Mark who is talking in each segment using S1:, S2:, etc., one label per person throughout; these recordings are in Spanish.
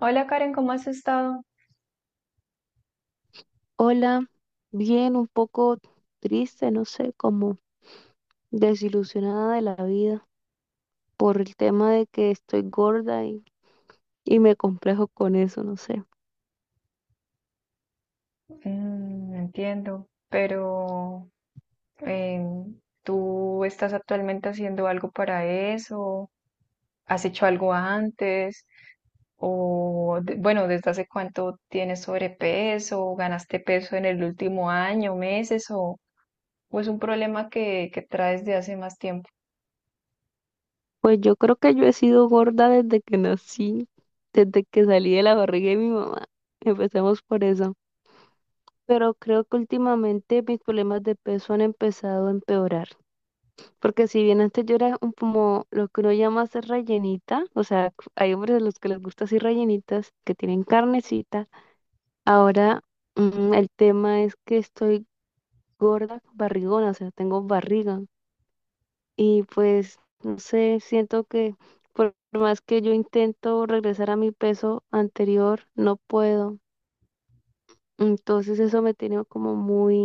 S1: Hola Karen, ¿cómo has estado?
S2: Hola, bien, un poco triste, no sé, como desilusionada de la vida por el tema de que estoy gorda y me complejo con eso, no sé.
S1: Mm, entiendo, pero ¿tú estás actualmente haciendo algo para eso? ¿Has hecho algo antes? Bueno, ¿desde hace cuánto tienes sobrepeso? ¿Ganaste peso en el último año, meses? O es un problema que traes de hace más tiempo?
S2: Pues yo creo que yo he sido gorda desde que nací, desde que salí de la barriga de mi mamá. Empecemos por eso. Pero creo que últimamente mis problemas de peso han empezado a empeorar. Porque si bien antes yo era un, como lo que uno llama ser rellenita, o sea, hay hombres a los que les gusta así rellenitas, que tienen carnecita. Ahora, el tema es que estoy gorda, barrigona, o sea, tengo barriga. Y pues, no sé, siento que por más que yo intento regresar a mi peso anterior, no puedo. Entonces eso me tiene como muy,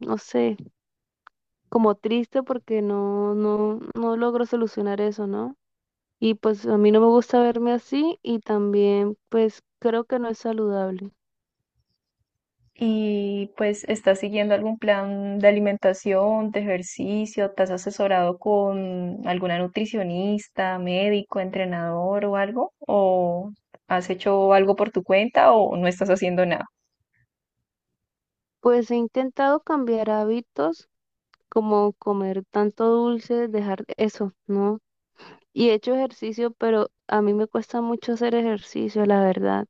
S2: no sé, como triste porque no, no, no logro solucionar eso, ¿no? Y pues a mí no me gusta verme así y también pues creo que no es saludable.
S1: Y pues, ¿estás siguiendo algún plan de alimentación, de ejercicio? ¿Te has asesorado con alguna nutricionista, médico, entrenador o algo? ¿O has hecho algo por tu cuenta o no estás haciendo nada?
S2: Pues he intentado cambiar hábitos como comer tanto dulce, dejar eso, ¿no? Y he hecho ejercicio, pero a mí me cuesta mucho hacer ejercicio, la verdad.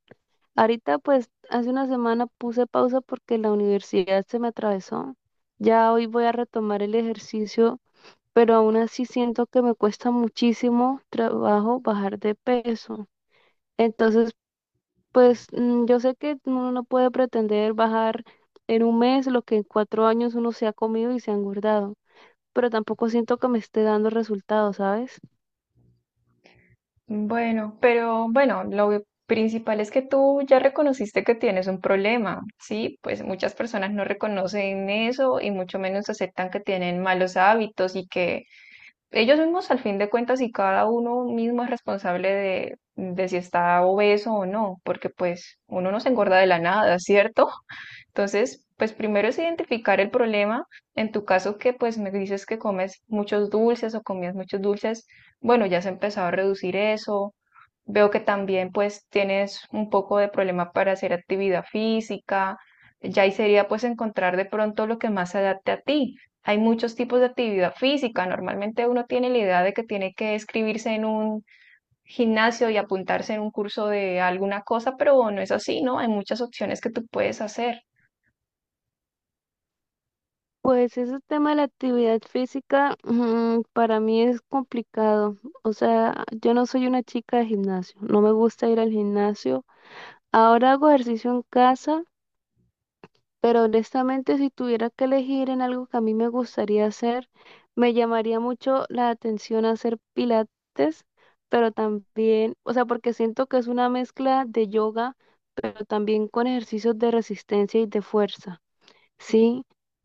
S2: Ahorita, pues, hace una semana puse pausa porque la universidad se me atravesó. Ya hoy voy a retomar el ejercicio, pero aún así siento que me cuesta muchísimo trabajo bajar de peso. Entonces, pues, yo sé que uno no puede pretender bajar en un mes lo que en 4 años uno se ha comido y se ha engordado, pero tampoco siento que me esté dando resultados, ¿sabes?
S1: Bueno, pero bueno, principal es que tú ya reconociste que tienes un problema, ¿sí? Pues muchas personas no reconocen eso y mucho menos aceptan que tienen malos hábitos y que ellos mismos, al fin de cuentas, y cada uno mismo es responsable de si está obeso o no, porque pues uno no se engorda de la nada, ¿cierto? Entonces, pues primero es identificar el problema. En tu caso que pues me dices que comes muchos dulces o comías muchos dulces, bueno, ya has empezado a reducir eso. Veo que también pues tienes un poco de problema para hacer actividad física. Ya ahí sería pues encontrar de pronto lo que más se adapte a ti. Hay muchos tipos de actividad física. Normalmente uno tiene la idea de que tiene que escribirse en un gimnasio y apuntarse en un curso de alguna cosa, pero no es así, ¿no? Hay muchas opciones que tú puedes hacer.
S2: Pues ese tema de la actividad física, para mí es complicado. O sea, yo no soy una chica de gimnasio, no me gusta ir al gimnasio. Ahora hago ejercicio en casa, pero honestamente si tuviera que elegir en algo que a mí me gustaría hacer, me llamaría mucho la atención hacer pilates, pero también, o sea, porque siento que es una mezcla de yoga, pero también con ejercicios de resistencia y de fuerza. Sí,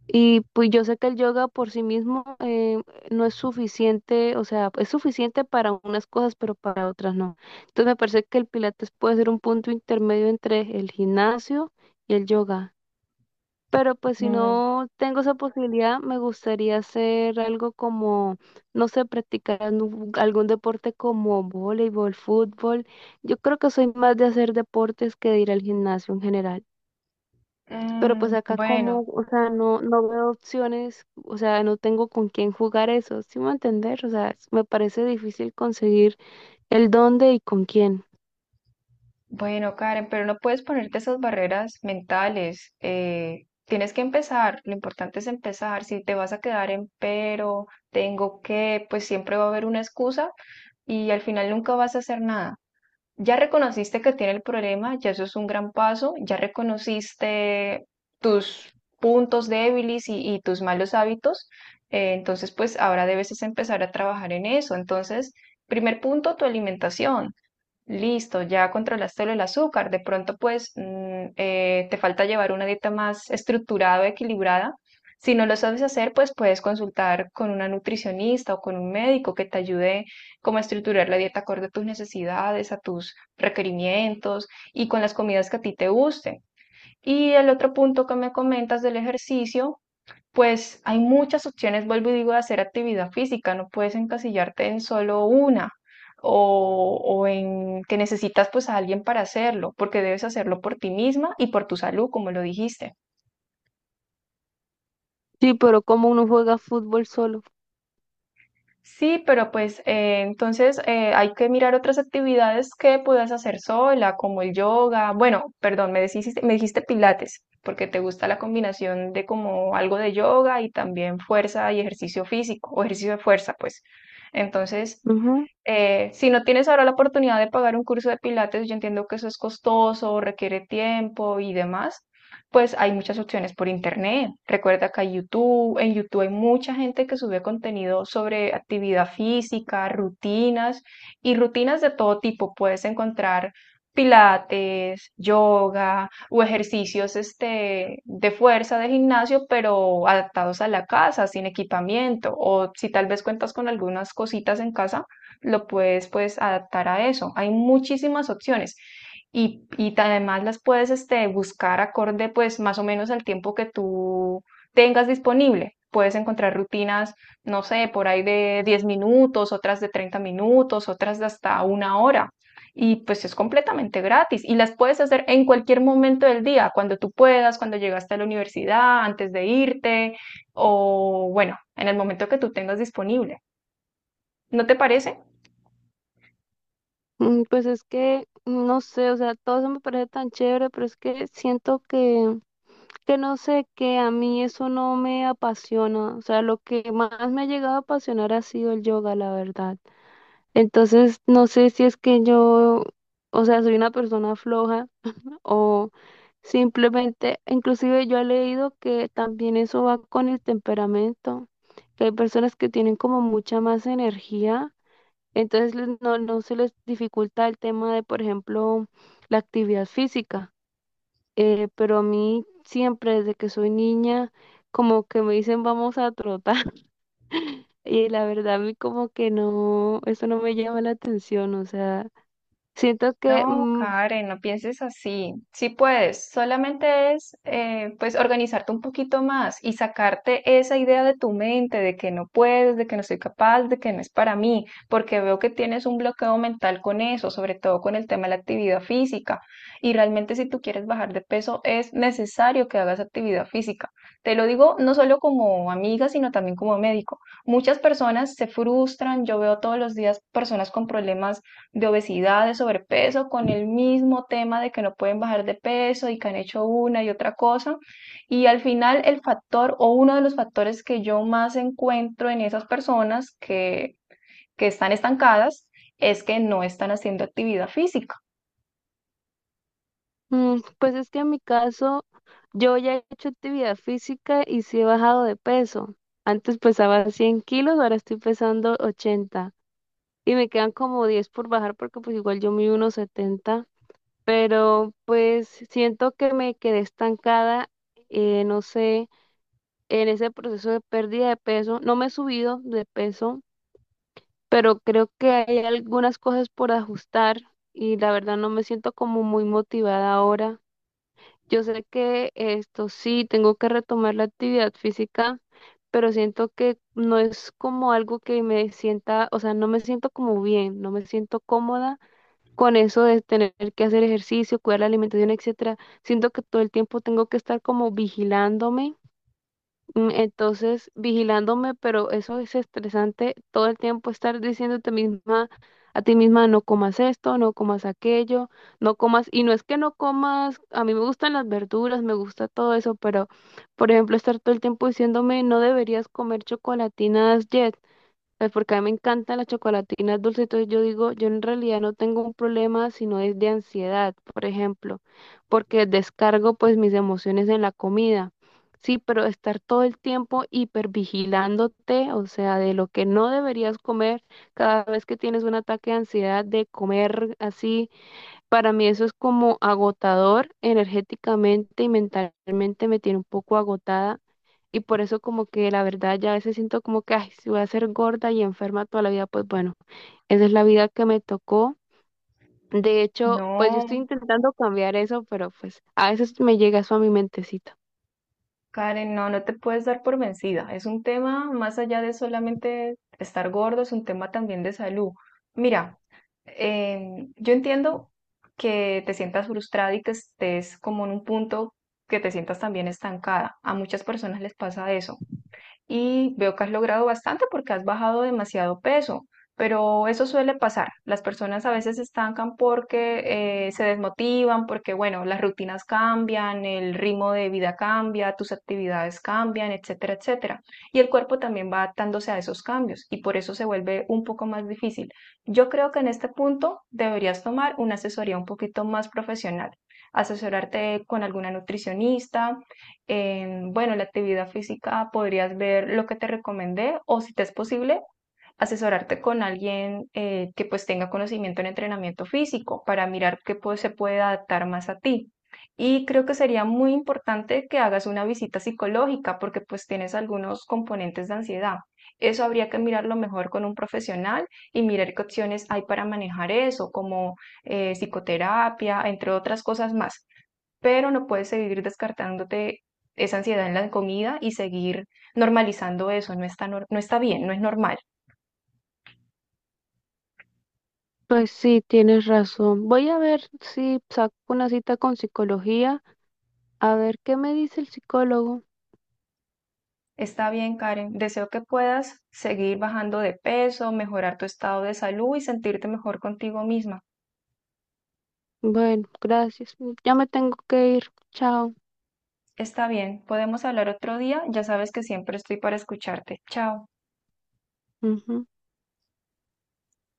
S2: y pues yo sé que el yoga por sí mismo no es suficiente, o sea, es suficiente para unas cosas, pero para otras no. Entonces me parece que el pilates puede ser un punto intermedio entre el gimnasio y el yoga. Pero pues si
S1: Mm,
S2: no tengo esa posibilidad, me gustaría hacer algo como, no sé, practicar algún deporte como voleibol, fútbol. Yo creo que soy más de hacer deportes que de ir al gimnasio en general. Pero pues
S1: mm,
S2: acá como,
S1: bueno,
S2: o sea, no, no veo opciones, o sea, no tengo con quién jugar eso, ¿sí me va a entender? O sea, es- me parece difícil conseguir el dónde y con quién.
S1: bueno, Karen, pero no puedes ponerte esas barreras mentales. Tienes que empezar. Lo importante es empezar. Si te vas a quedar en pero, tengo que, pues siempre va a haber una excusa y al final nunca vas a hacer nada. Ya reconociste que tiene el problema, ya eso es un gran paso. Ya reconociste tus puntos débiles y tus malos hábitos. Entonces, pues ahora debes es empezar a trabajar en eso. Entonces, primer punto, tu alimentación. Listo, ya controlaste lo del azúcar. De pronto, pues, te falta llevar una dieta más estructurada o equilibrada. Si no lo sabes hacer, pues puedes consultar con una nutricionista o con un médico que te ayude como a estructurar la dieta acorde a tus necesidades, a tus requerimientos y con las comidas que a ti te gusten. Y el otro punto que me comentas del ejercicio, pues hay muchas opciones, vuelvo y digo, de hacer actividad física, no puedes encasillarte en solo una o en que necesitas pues a alguien para hacerlo, porque debes hacerlo por ti misma y por tu salud, como lo dijiste.
S2: Sí, pero como uno juega fútbol solo.
S1: Sí, pero pues entonces hay que mirar otras actividades que puedas hacer sola, como el yoga. Bueno, perdón, me dijiste pilates, porque te gusta la combinación de como algo de yoga y también fuerza y ejercicio físico, o ejercicio de fuerza, pues. Entonces...
S2: Ujú.
S1: Si no tienes ahora la oportunidad de pagar un curso de pilates, yo entiendo que eso es costoso, requiere tiempo y demás, pues hay muchas opciones por internet. Recuerda que hay YouTube, en YouTube hay mucha gente que sube contenido sobre actividad física, rutinas y rutinas de todo tipo. Puedes encontrar pilates, yoga o ejercicios este, de fuerza de gimnasio, pero adaptados a la casa, sin equipamiento, o si tal vez cuentas con algunas cositas en casa lo puedes pues adaptar a eso. Hay muchísimas opciones y además las puedes este, buscar acorde pues más o menos al tiempo que tú tengas disponible. Puedes encontrar rutinas, no sé, por ahí de 10 minutos, otras de 30 minutos, otras de hasta una hora. Y pues es completamente gratis y las puedes hacer en cualquier momento del día, cuando tú puedas, cuando llegaste a la universidad, antes de irte o bueno, en el momento que tú tengas disponible. ¿No te parece?
S2: Pues es que, no sé, o sea, todo eso me parece tan chévere, pero es que siento que, no sé, que a mí eso no me apasiona. O sea, lo que más me ha llegado a apasionar ha sido el yoga, la verdad. Entonces, no sé si es que yo, o sea, soy una persona floja o simplemente, inclusive yo he leído que también eso va con el temperamento, que hay personas que tienen como mucha más energía, entonces no, no se les dificulta el tema de, por ejemplo, la actividad física. Pero a mí siempre, desde que soy niña, como que me dicen vamos a trotar. Y la verdad, a mí como que no, eso no me llama la atención, o sea, siento que,
S1: No,
S2: mm,
S1: Karen, no pienses así. Sí puedes, solamente es pues organizarte un poquito más y sacarte esa idea de tu mente de que no puedes, de que no soy capaz, de que no es para mí, porque veo que tienes un bloqueo mental con eso, sobre todo con el tema de la actividad física. Y realmente si tú quieres bajar de peso es necesario que hagas actividad física. Te lo digo no solo como amiga, sino también como médico. Muchas personas se frustran, yo veo todos los días personas con problemas de obesidad, de sobrepeso, con el mismo tema de que no pueden bajar de peso y que han hecho una y otra cosa. Y al final el factor o uno de los factores que yo más encuentro en esas personas que están estancadas es que no están haciendo actividad física.
S2: mm, pues es que en mi caso yo ya he hecho actividad física y sí he bajado de peso. Antes pesaba 100 kilos, ahora estoy pesando 80. Y me quedan como 10 por bajar, porque pues igual yo mido unos 70. Pero pues siento que me quedé estancada, no sé, en ese proceso de pérdida de peso. No me he subido de peso, pero creo que hay algunas cosas por ajustar y la verdad no me siento como muy motivada ahora. Yo sé que esto sí, tengo que retomar la actividad física, pero siento que no es como algo que me sienta, o sea, no me siento como bien, no me siento cómoda con eso de tener que hacer ejercicio, cuidar la alimentación, etcétera. Siento que todo el tiempo tengo que estar como vigilándome. Entonces, vigilándome, pero eso es estresante, todo el tiempo estar diciéndote misma a ti misma, no comas esto, no comas aquello, no comas, y no es que no comas, a mí me gustan las verduras, me gusta todo eso, pero por ejemplo, estar todo el tiempo diciéndome, no deberías comer chocolatinas Jet, pues porque a mí me encantan las chocolatinas dulces, entonces yo digo, yo en realidad no tengo un problema, sino es de ansiedad, por ejemplo, porque descargo pues mis emociones en la comida. Sí, pero estar todo el tiempo hipervigilándote, o sea, de lo que no deberías comer cada vez que tienes un ataque de ansiedad de comer así, para mí eso es como agotador energéticamente y mentalmente me tiene un poco agotada. Y por eso como que la verdad ya a veces siento como que, ay, si voy a ser gorda y enferma toda la vida, pues bueno, esa es la vida que me tocó. De hecho, pues yo estoy
S1: No,
S2: intentando cambiar eso, pero pues a veces me llega eso a mi mentecita.
S1: Karen, no, no te puedes dar por vencida. Es un tema más allá de solamente estar gordo, es un tema también de salud. Mira, yo entiendo que te sientas frustrada y que estés como en un punto que te sientas también estancada. A muchas personas les pasa eso y veo que has logrado bastante porque has bajado demasiado peso, pero eso suele pasar. Las personas a veces se estancan porque se desmotivan, porque bueno, las rutinas cambian, el ritmo de vida cambia, tus actividades cambian, etcétera, etcétera. Y el cuerpo también va adaptándose a esos cambios y por eso se vuelve un poco más difícil. Yo creo que en este punto deberías tomar una asesoría un poquito más profesional, asesorarte con alguna nutricionista en, bueno, la actividad física podrías ver lo que te recomendé o si te es posible, asesorarte con alguien que pues tenga conocimiento en entrenamiento físico para mirar qué pues, se puede adaptar más a ti. Y creo que sería muy importante que hagas una visita psicológica porque pues tienes algunos componentes de ansiedad. Eso habría que mirarlo mejor con un profesional y mirar qué opciones hay para manejar eso, como psicoterapia, entre otras cosas más, pero no puedes seguir descartándote esa ansiedad en la comida y seguir normalizando eso. No está bien, no es normal.
S2: Pues sí, tienes razón. Voy a ver si saco una cita con psicología, a ver qué me dice el psicólogo.
S1: Está bien, Karen. Deseo que puedas seguir bajando de peso, mejorar tu estado de salud y sentirte mejor contigo misma.
S2: Bueno, gracias. Ya me tengo que ir. Chao.
S1: Está bien, podemos hablar otro día. Ya sabes que siempre estoy para escucharte. Chao.
S2: Ujú.